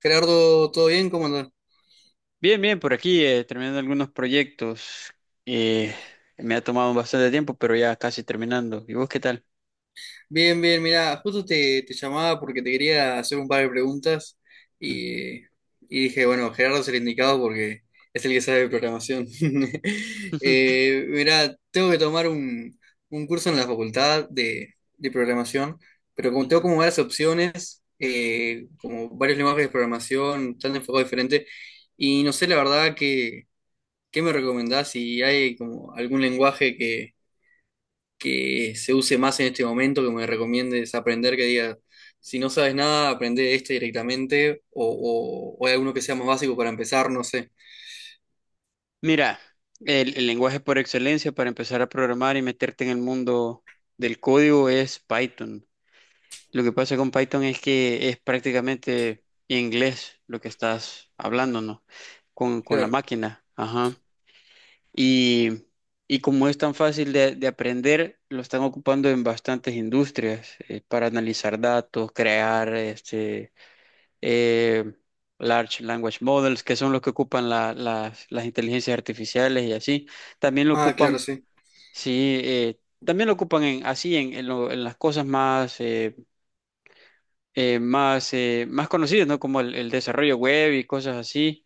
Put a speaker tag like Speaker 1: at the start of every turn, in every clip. Speaker 1: Gerardo, ¿todo bien? ¿Cómo andas?
Speaker 2: Bien, bien, por aquí terminando algunos proyectos. Eh, Me ha tomado bastante tiempo, pero ya casi terminando. ¿Y vos qué tal?
Speaker 1: Bien, bien, mira, justo te llamaba porque te quería hacer un par de preguntas
Speaker 2: Ujú.
Speaker 1: y, y dije, bueno, Gerardo es el indicado porque es el que sabe de programación. Mira, tengo que tomar un curso en la facultad de programación, pero como tengo
Speaker 2: Ujú.
Speaker 1: como varias opciones, como varios lenguajes de programación, tan enfocados diferentes, y no sé la verdad qué me recomendás si hay como algún lenguaje que se use más en este momento, que me recomiendes aprender, que diga, si no sabes nada, aprende este directamente, o hay alguno que sea más básico para empezar, no sé.
Speaker 2: Mira, el lenguaje por excelencia para empezar a programar y meterte en el mundo del código es Python. Lo que pasa con Python es que es prácticamente inglés lo que estás hablando, ¿no? Con la
Speaker 1: Claro.
Speaker 2: máquina. Ajá. Y, y como es tan fácil de aprender, lo están ocupando en bastantes industrias para analizar datos, crear eh, large language models, que son los que ocupan las inteligencias artificiales y así. También lo
Speaker 1: Ah, claro,
Speaker 2: ocupan,
Speaker 1: sí.
Speaker 2: sí, también lo ocupan en, así en, en las cosas más conocidas, ¿no? Como el desarrollo web y cosas así.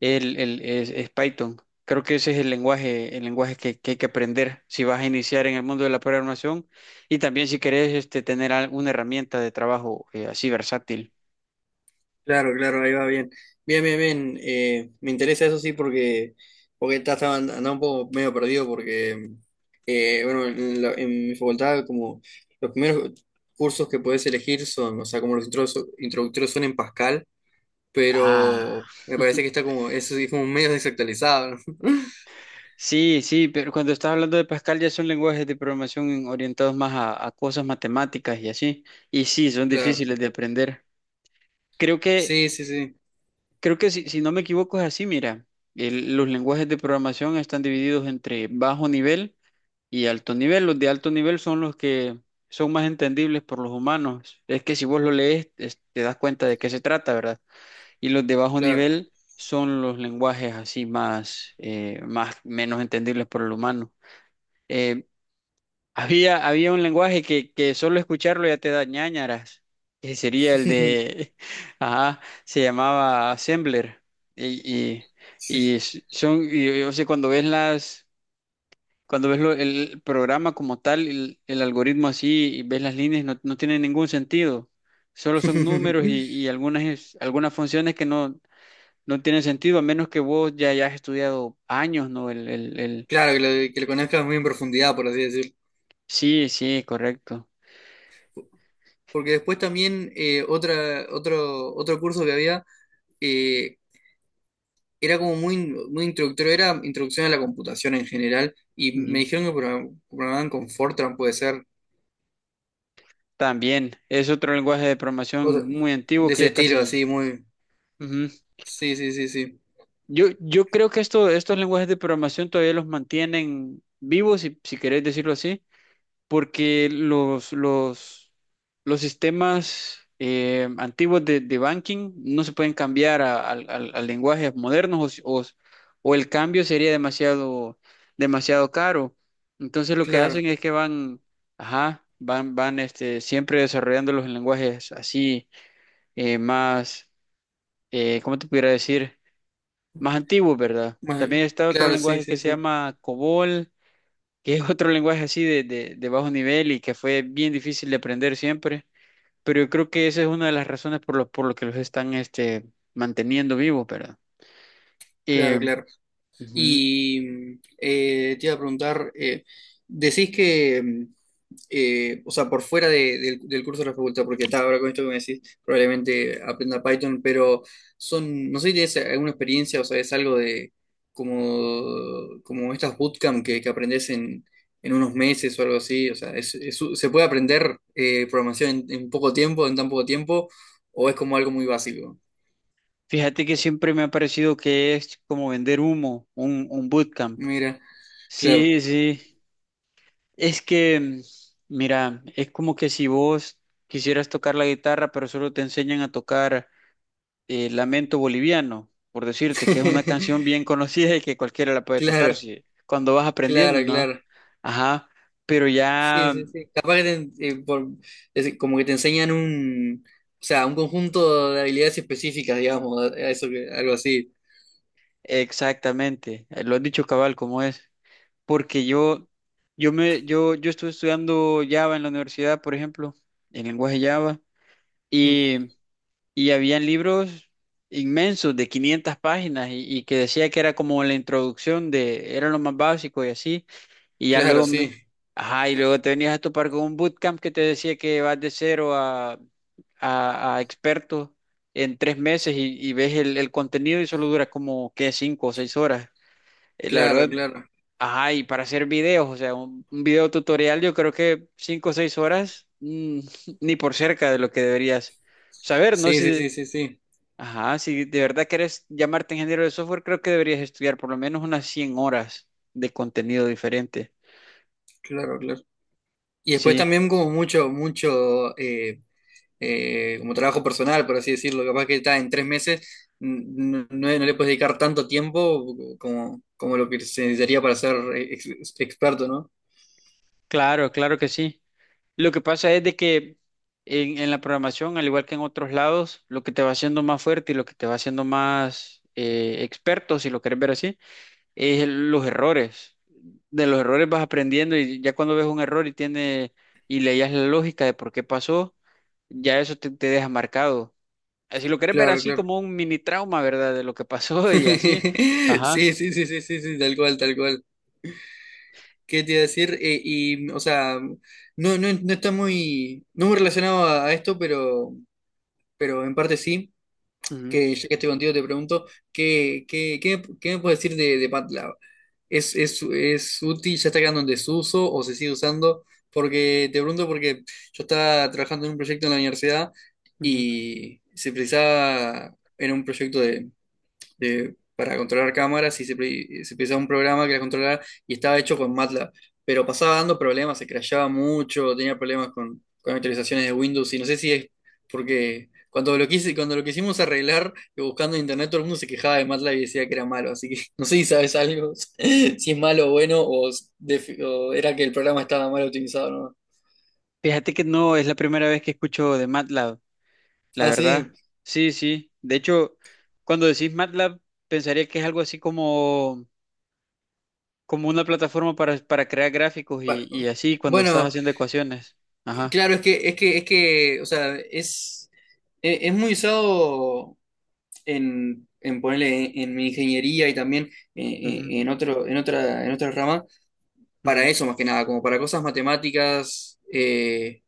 Speaker 2: Es Python. Creo que ese es el lenguaje que hay que aprender si vas a iniciar en el mundo de la programación, y también si querés tener alguna herramienta de trabajo así versátil.
Speaker 1: Claro, claro, ahí va bien. Bien, bien, bien. Me interesa eso sí porque, porque estaba andaba un poco medio perdido porque, bueno, en mi facultad como los primeros cursos que podés elegir son, o sea, como los introductorios son en Pascal.
Speaker 2: Ah.
Speaker 1: Pero me parece que está como, eso sí, como medio desactualizado, ¿no?
Speaker 2: Sí, sí, pero cuando estás hablando de Pascal ya son lenguajes de programación orientados más a cosas matemáticas y así. Y sí, son
Speaker 1: Claro,
Speaker 2: difíciles de aprender. Creo que,
Speaker 1: sí, sí, sí,
Speaker 2: creo que si, si no me equivoco es así, mira, los lenguajes de programación están divididos entre bajo nivel y alto nivel. Los de alto nivel son los que son más entendibles por los humanos. Es que si vos lo lees, te das cuenta de qué se trata, ¿verdad? Y los de bajo
Speaker 1: claro.
Speaker 2: nivel son los lenguajes así más menos entendibles por el humano. Eh, había un lenguaje que solo escucharlo ya te da ñáñaras, que sería el de, ajá, se llamaba Assembler. Y, y,
Speaker 1: Sí.
Speaker 2: y son, o sea, cuando ves el programa como tal, el algoritmo así, y ves las líneas, no tiene ningún sentido. Solo son números y, y algunas funciones que no tienen sentido, a menos que vos ya hayas estudiado años, ¿no?
Speaker 1: Claro, que que lo conozcas muy en profundidad, por así decirlo.
Speaker 2: Sí, sí, correcto.
Speaker 1: Porque después también otro curso que había eh, era como muy, muy introductorio, era introducción a la computación en general, y me
Speaker 2: Ujú.
Speaker 1: dijeron que programaban con Fortran, puede ser,
Speaker 2: También es otro lenguaje de programación
Speaker 1: otro-
Speaker 2: muy antiguo
Speaker 1: de
Speaker 2: que
Speaker 1: ese
Speaker 2: ya
Speaker 1: estilo,
Speaker 2: casi...
Speaker 1: así, muy...
Speaker 2: Ujú.
Speaker 1: Sí, sí, sí, sí,
Speaker 2: Yo creo que estos lenguajes de programación todavía los mantienen vivos, si, si querés decirlo así, porque los sistemas antiguos de banking no se pueden cambiar a lenguajes modernos o, si- o el cambio sería demasiado, demasiado caro. Entonces lo que hacen
Speaker 1: claro,
Speaker 2: es que van, ajá, van, van siempre desarrollando los lenguajes así más, ¿cómo te pudiera decir? Más antiguos, ¿verdad?
Speaker 1: más-
Speaker 2: También está otro
Speaker 1: claro, sí,
Speaker 2: lenguaje que
Speaker 1: sí,
Speaker 2: se
Speaker 1: sí,
Speaker 2: llama COBOL, que es otro lenguaje así de bajo nivel y que fue bien difícil de aprender siempre, pero yo creo que esa es una de las razones por lo que los están manteniendo vivos, ¿verdad? Eh,
Speaker 1: claro, claro.
Speaker 2: Ujú.
Speaker 1: Y te iba a preguntar, decís que, o sea, por fuera del curso de la facultad, porque está ahora con esto que me decís, probablemente aprenda Python, pero son, no sé si tienes alguna experiencia o sea es algo de como, como estas bootcamp que aprendés en unos meses o algo así, o sea, ¿se puede aprender programación en poco tiempo, en tan poco tiempo, o es como algo muy básico?
Speaker 2: Fíjate que siempre me ha parecido que es como vender humo, un bootcamp.
Speaker 1: Mira, claro,
Speaker 2: Sí, sí, es que, mira, es como que si vos quisieras tocar la guitarra, pero solo te enseñan a tocar Lamento Boliviano, por decirte,
Speaker 1: claro.
Speaker 2: que es una canción bien conocida y que cualquiera la puede tocar
Speaker 1: Claro,
Speaker 2: si, cuando vas aprendiendo,
Speaker 1: claro,
Speaker 2: ¿no?
Speaker 1: claro.
Speaker 2: Ajá, pero
Speaker 1: Sí,
Speaker 2: ya
Speaker 1: sí, sí. Capaz que te, es decir, como que te enseñan o sea, un conjunto de habilidades específicas, digamos, a eso algo así.
Speaker 2: exactamente, lo has dicho cabal como es, porque yo estuve estudiando Java en la universidad, por ejemplo, en lenguaje Java,
Speaker 1: Mm,
Speaker 2: y, y habían libros inmensos de 500 páginas y que decía que era como la introducción era lo más básico y así. Y ya
Speaker 1: Claro,
Speaker 2: luego,
Speaker 1: sí,
Speaker 2: ajá, y luego te venías a topar con un bootcamp que te decía que vas de cero a experto en 3 meses, y ves el contenido y solo dura como, ¿qué? 5 o 6 horas. La
Speaker 1: claro,
Speaker 2: verdad,
Speaker 1: claro.
Speaker 2: ajá, y para hacer videos, o sea, un video tutorial, yo creo que 5 o 6 horas, ni por cerca de lo que deberías saber, ¿no?
Speaker 1: Sí, sí,
Speaker 2: Si,
Speaker 1: sí, sí, sí,
Speaker 2: ajá, si de verdad quieres llamarte ingeniero de software, creo que deberías estudiar por lo menos unas 100 horas de contenido diferente.
Speaker 1: claro, claro. Y después
Speaker 2: Sí.
Speaker 1: también como mucho, mucho, como trabajo personal, por así decirlo, capaz que está en tres meses, no, no le puedes dedicar tanto tiempo como, como lo que se necesitaría para ser experto, ¿no?
Speaker 2: Claro, claro que sí. Lo que pasa es de que en la programación, al igual que en otros lados, lo que te va haciendo más fuerte y lo que te va haciendo más experto, si lo quieres ver así, es los errores. De los errores vas aprendiendo, y ya cuando ves un error y tiene, y leías la lógica de por qué pasó, ya eso te, te deja marcado. Si lo quieres ver
Speaker 1: Claro,
Speaker 2: así
Speaker 1: claro.
Speaker 2: como un mini trauma, ¿verdad? De lo que pasó y así.
Speaker 1: Sí,
Speaker 2: Ajá.
Speaker 1: sí, sí, sí, sí, sí, tal cual, tal cual. ¿Qué te iba a decir? Y, o sea, no, no, no está muy, no muy relacionado a esto, pero en parte sí,
Speaker 2: Ujú,
Speaker 1: que ya que estoy contigo te pregunto, ¿qué, qué, qué, qué me puedes decir de MATLAB? Es útil? ¿Ya está quedando en desuso o se sigue usando? Porque te pregunto porque yo estaba trabajando en un proyecto en la universidad
Speaker 2: ujú.
Speaker 1: y se precisaba, era un proyecto para controlar cámaras y se utilizaba un programa que las controlara y estaba hecho con MATLAB. Pero pasaba dando problemas, se crashaba mucho, tenía problemas con actualizaciones de Windows y no sé si es porque cuando lo quise, cuando lo quisimos arreglar, buscando en internet, todo el mundo se quejaba de MATLAB y decía que era malo. Así que no sé si sabes algo, si es malo o bueno, o era que el programa estaba mal utilizado, ¿no?
Speaker 2: Fíjate que no es la primera vez que escucho de MATLAB. La
Speaker 1: Ah,
Speaker 2: verdad,
Speaker 1: sí.
Speaker 2: sí, sí. De hecho, cuando decís MATLAB, pensaría que es algo así como, como una plataforma para crear gráficos
Speaker 1: Pa-
Speaker 2: y así cuando estás
Speaker 1: Bueno,
Speaker 2: haciendo ecuaciones. Ajá.
Speaker 1: claro, es que, es que, es que, o sea, es, es muy usado en ponerle en mi ingeniería y también eh,
Speaker 2: Ujú,
Speaker 1: en otro, en otra rama, para
Speaker 2: ujú,
Speaker 1: eso más que nada, como para cosas matemáticas,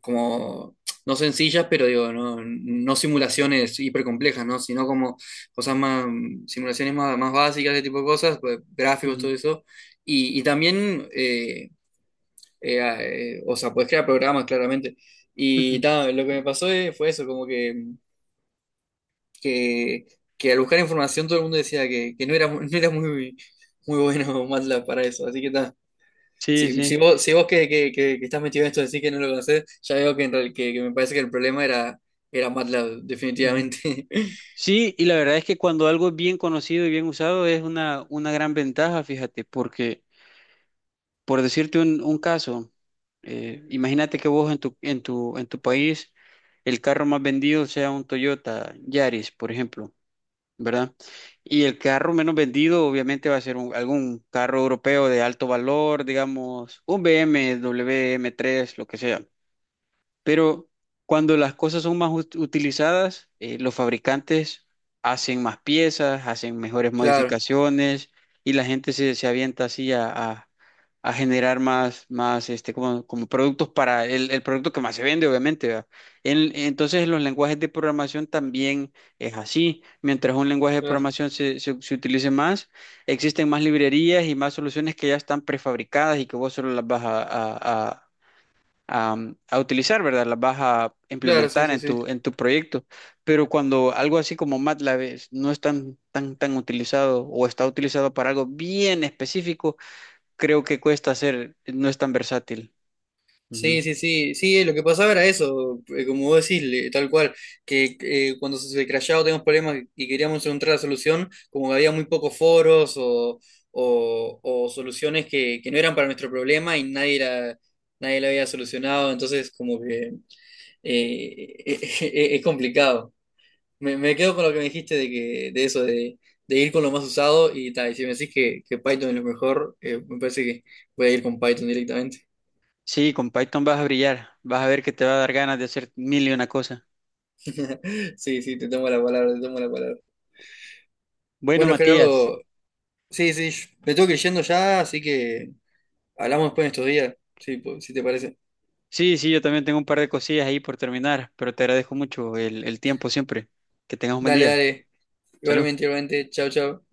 Speaker 1: como no sencillas, pero digo, no, no simulaciones hipercomplejas, ¿no? Sino como cosas más, simulaciones más, más básicas, ese tipo de cosas, pues, gráficos,
Speaker 2: ujú,
Speaker 1: todo eso. Y también, o sea, puedes crear programas claramente. Y
Speaker 2: ujú.
Speaker 1: ta, lo que me pasó fue eso, como que que, que al buscar información todo el mundo decía que no era, no era muy, muy bueno MATLAB para eso. Así que está.
Speaker 2: Sí,
Speaker 1: Si,
Speaker 2: sí.
Speaker 1: si vos que estás metido en esto decís que no lo conocés, ya veo que, que me parece que el problema era, era MATLAB,
Speaker 2: Ujú.
Speaker 1: definitivamente.
Speaker 2: Sí, y la verdad es que cuando algo es bien conocido y bien usado es una gran ventaja, fíjate, porque por decirte un caso, imagínate que vos en tu país el carro más vendido sea un Toyota Yaris, por ejemplo. ¿Verdad? Y el carro menos vendido obviamente va a ser algún carro europeo de alto valor, digamos, un BMW M3, lo que sea. Pero cuando las cosas son más utilizadas, los fabricantes hacen más piezas, hacen mejores
Speaker 1: Claro,
Speaker 2: modificaciones, y la gente se, se avienta así a, a generar más como, como productos para el producto que más se vende, obviamente, ¿verdad? Entonces, en los lenguajes de programación también es así. Mientras un lenguaje de
Speaker 1: claro,
Speaker 2: programación se utilice más, existen más librerías y más soluciones que ya están prefabricadas y que vos solo las vas a, a utilizar, ¿verdad? Las vas a
Speaker 1: claro, sí,
Speaker 2: implementar
Speaker 1: sí,
Speaker 2: en
Speaker 1: sí.
Speaker 2: tu, en tu proyecto. Pero cuando algo así como MATLAB no es tan utilizado o está utilizado para algo bien específico, creo que cuesta hacer, no es tan versátil. Ujú.
Speaker 1: Sí, sí, sí, sí, lo que pasaba era eso, como vos decís, tal cual, que cuando se crashaba teníamos problemas y queríamos encontrar la solución, como que había muy pocos foros o soluciones que no eran para nuestro problema y nadie la, nadie la había solucionado, entonces como que eh, es complicado. Me quedo con lo que me dijiste de que, de eso, de ir con lo más usado y tal, y si me decís que Python es lo mejor, me parece que voy a ir con Python directamente.
Speaker 2: Sí, con Python vas a brillar, vas a ver que te va a dar ganas de hacer mil y una cosa.
Speaker 1: Sí, sí, te tomo la palabra, te tomo la palabra.
Speaker 2: Bueno,
Speaker 1: Bueno,
Speaker 2: Matías,
Speaker 1: Gerardo, sí, sí, me tengo que ir yendo ya, así que hablamos después en estos días, sí, si te parece.
Speaker 2: sí, sí, yo también tengo un par de cosillas ahí por terminar, pero te agradezco mucho el tiempo siempre. Que tengas un buen
Speaker 1: Dale,
Speaker 2: día.
Speaker 1: dale,
Speaker 2: Salud.
Speaker 1: igualmente, igualmente, chao, chao.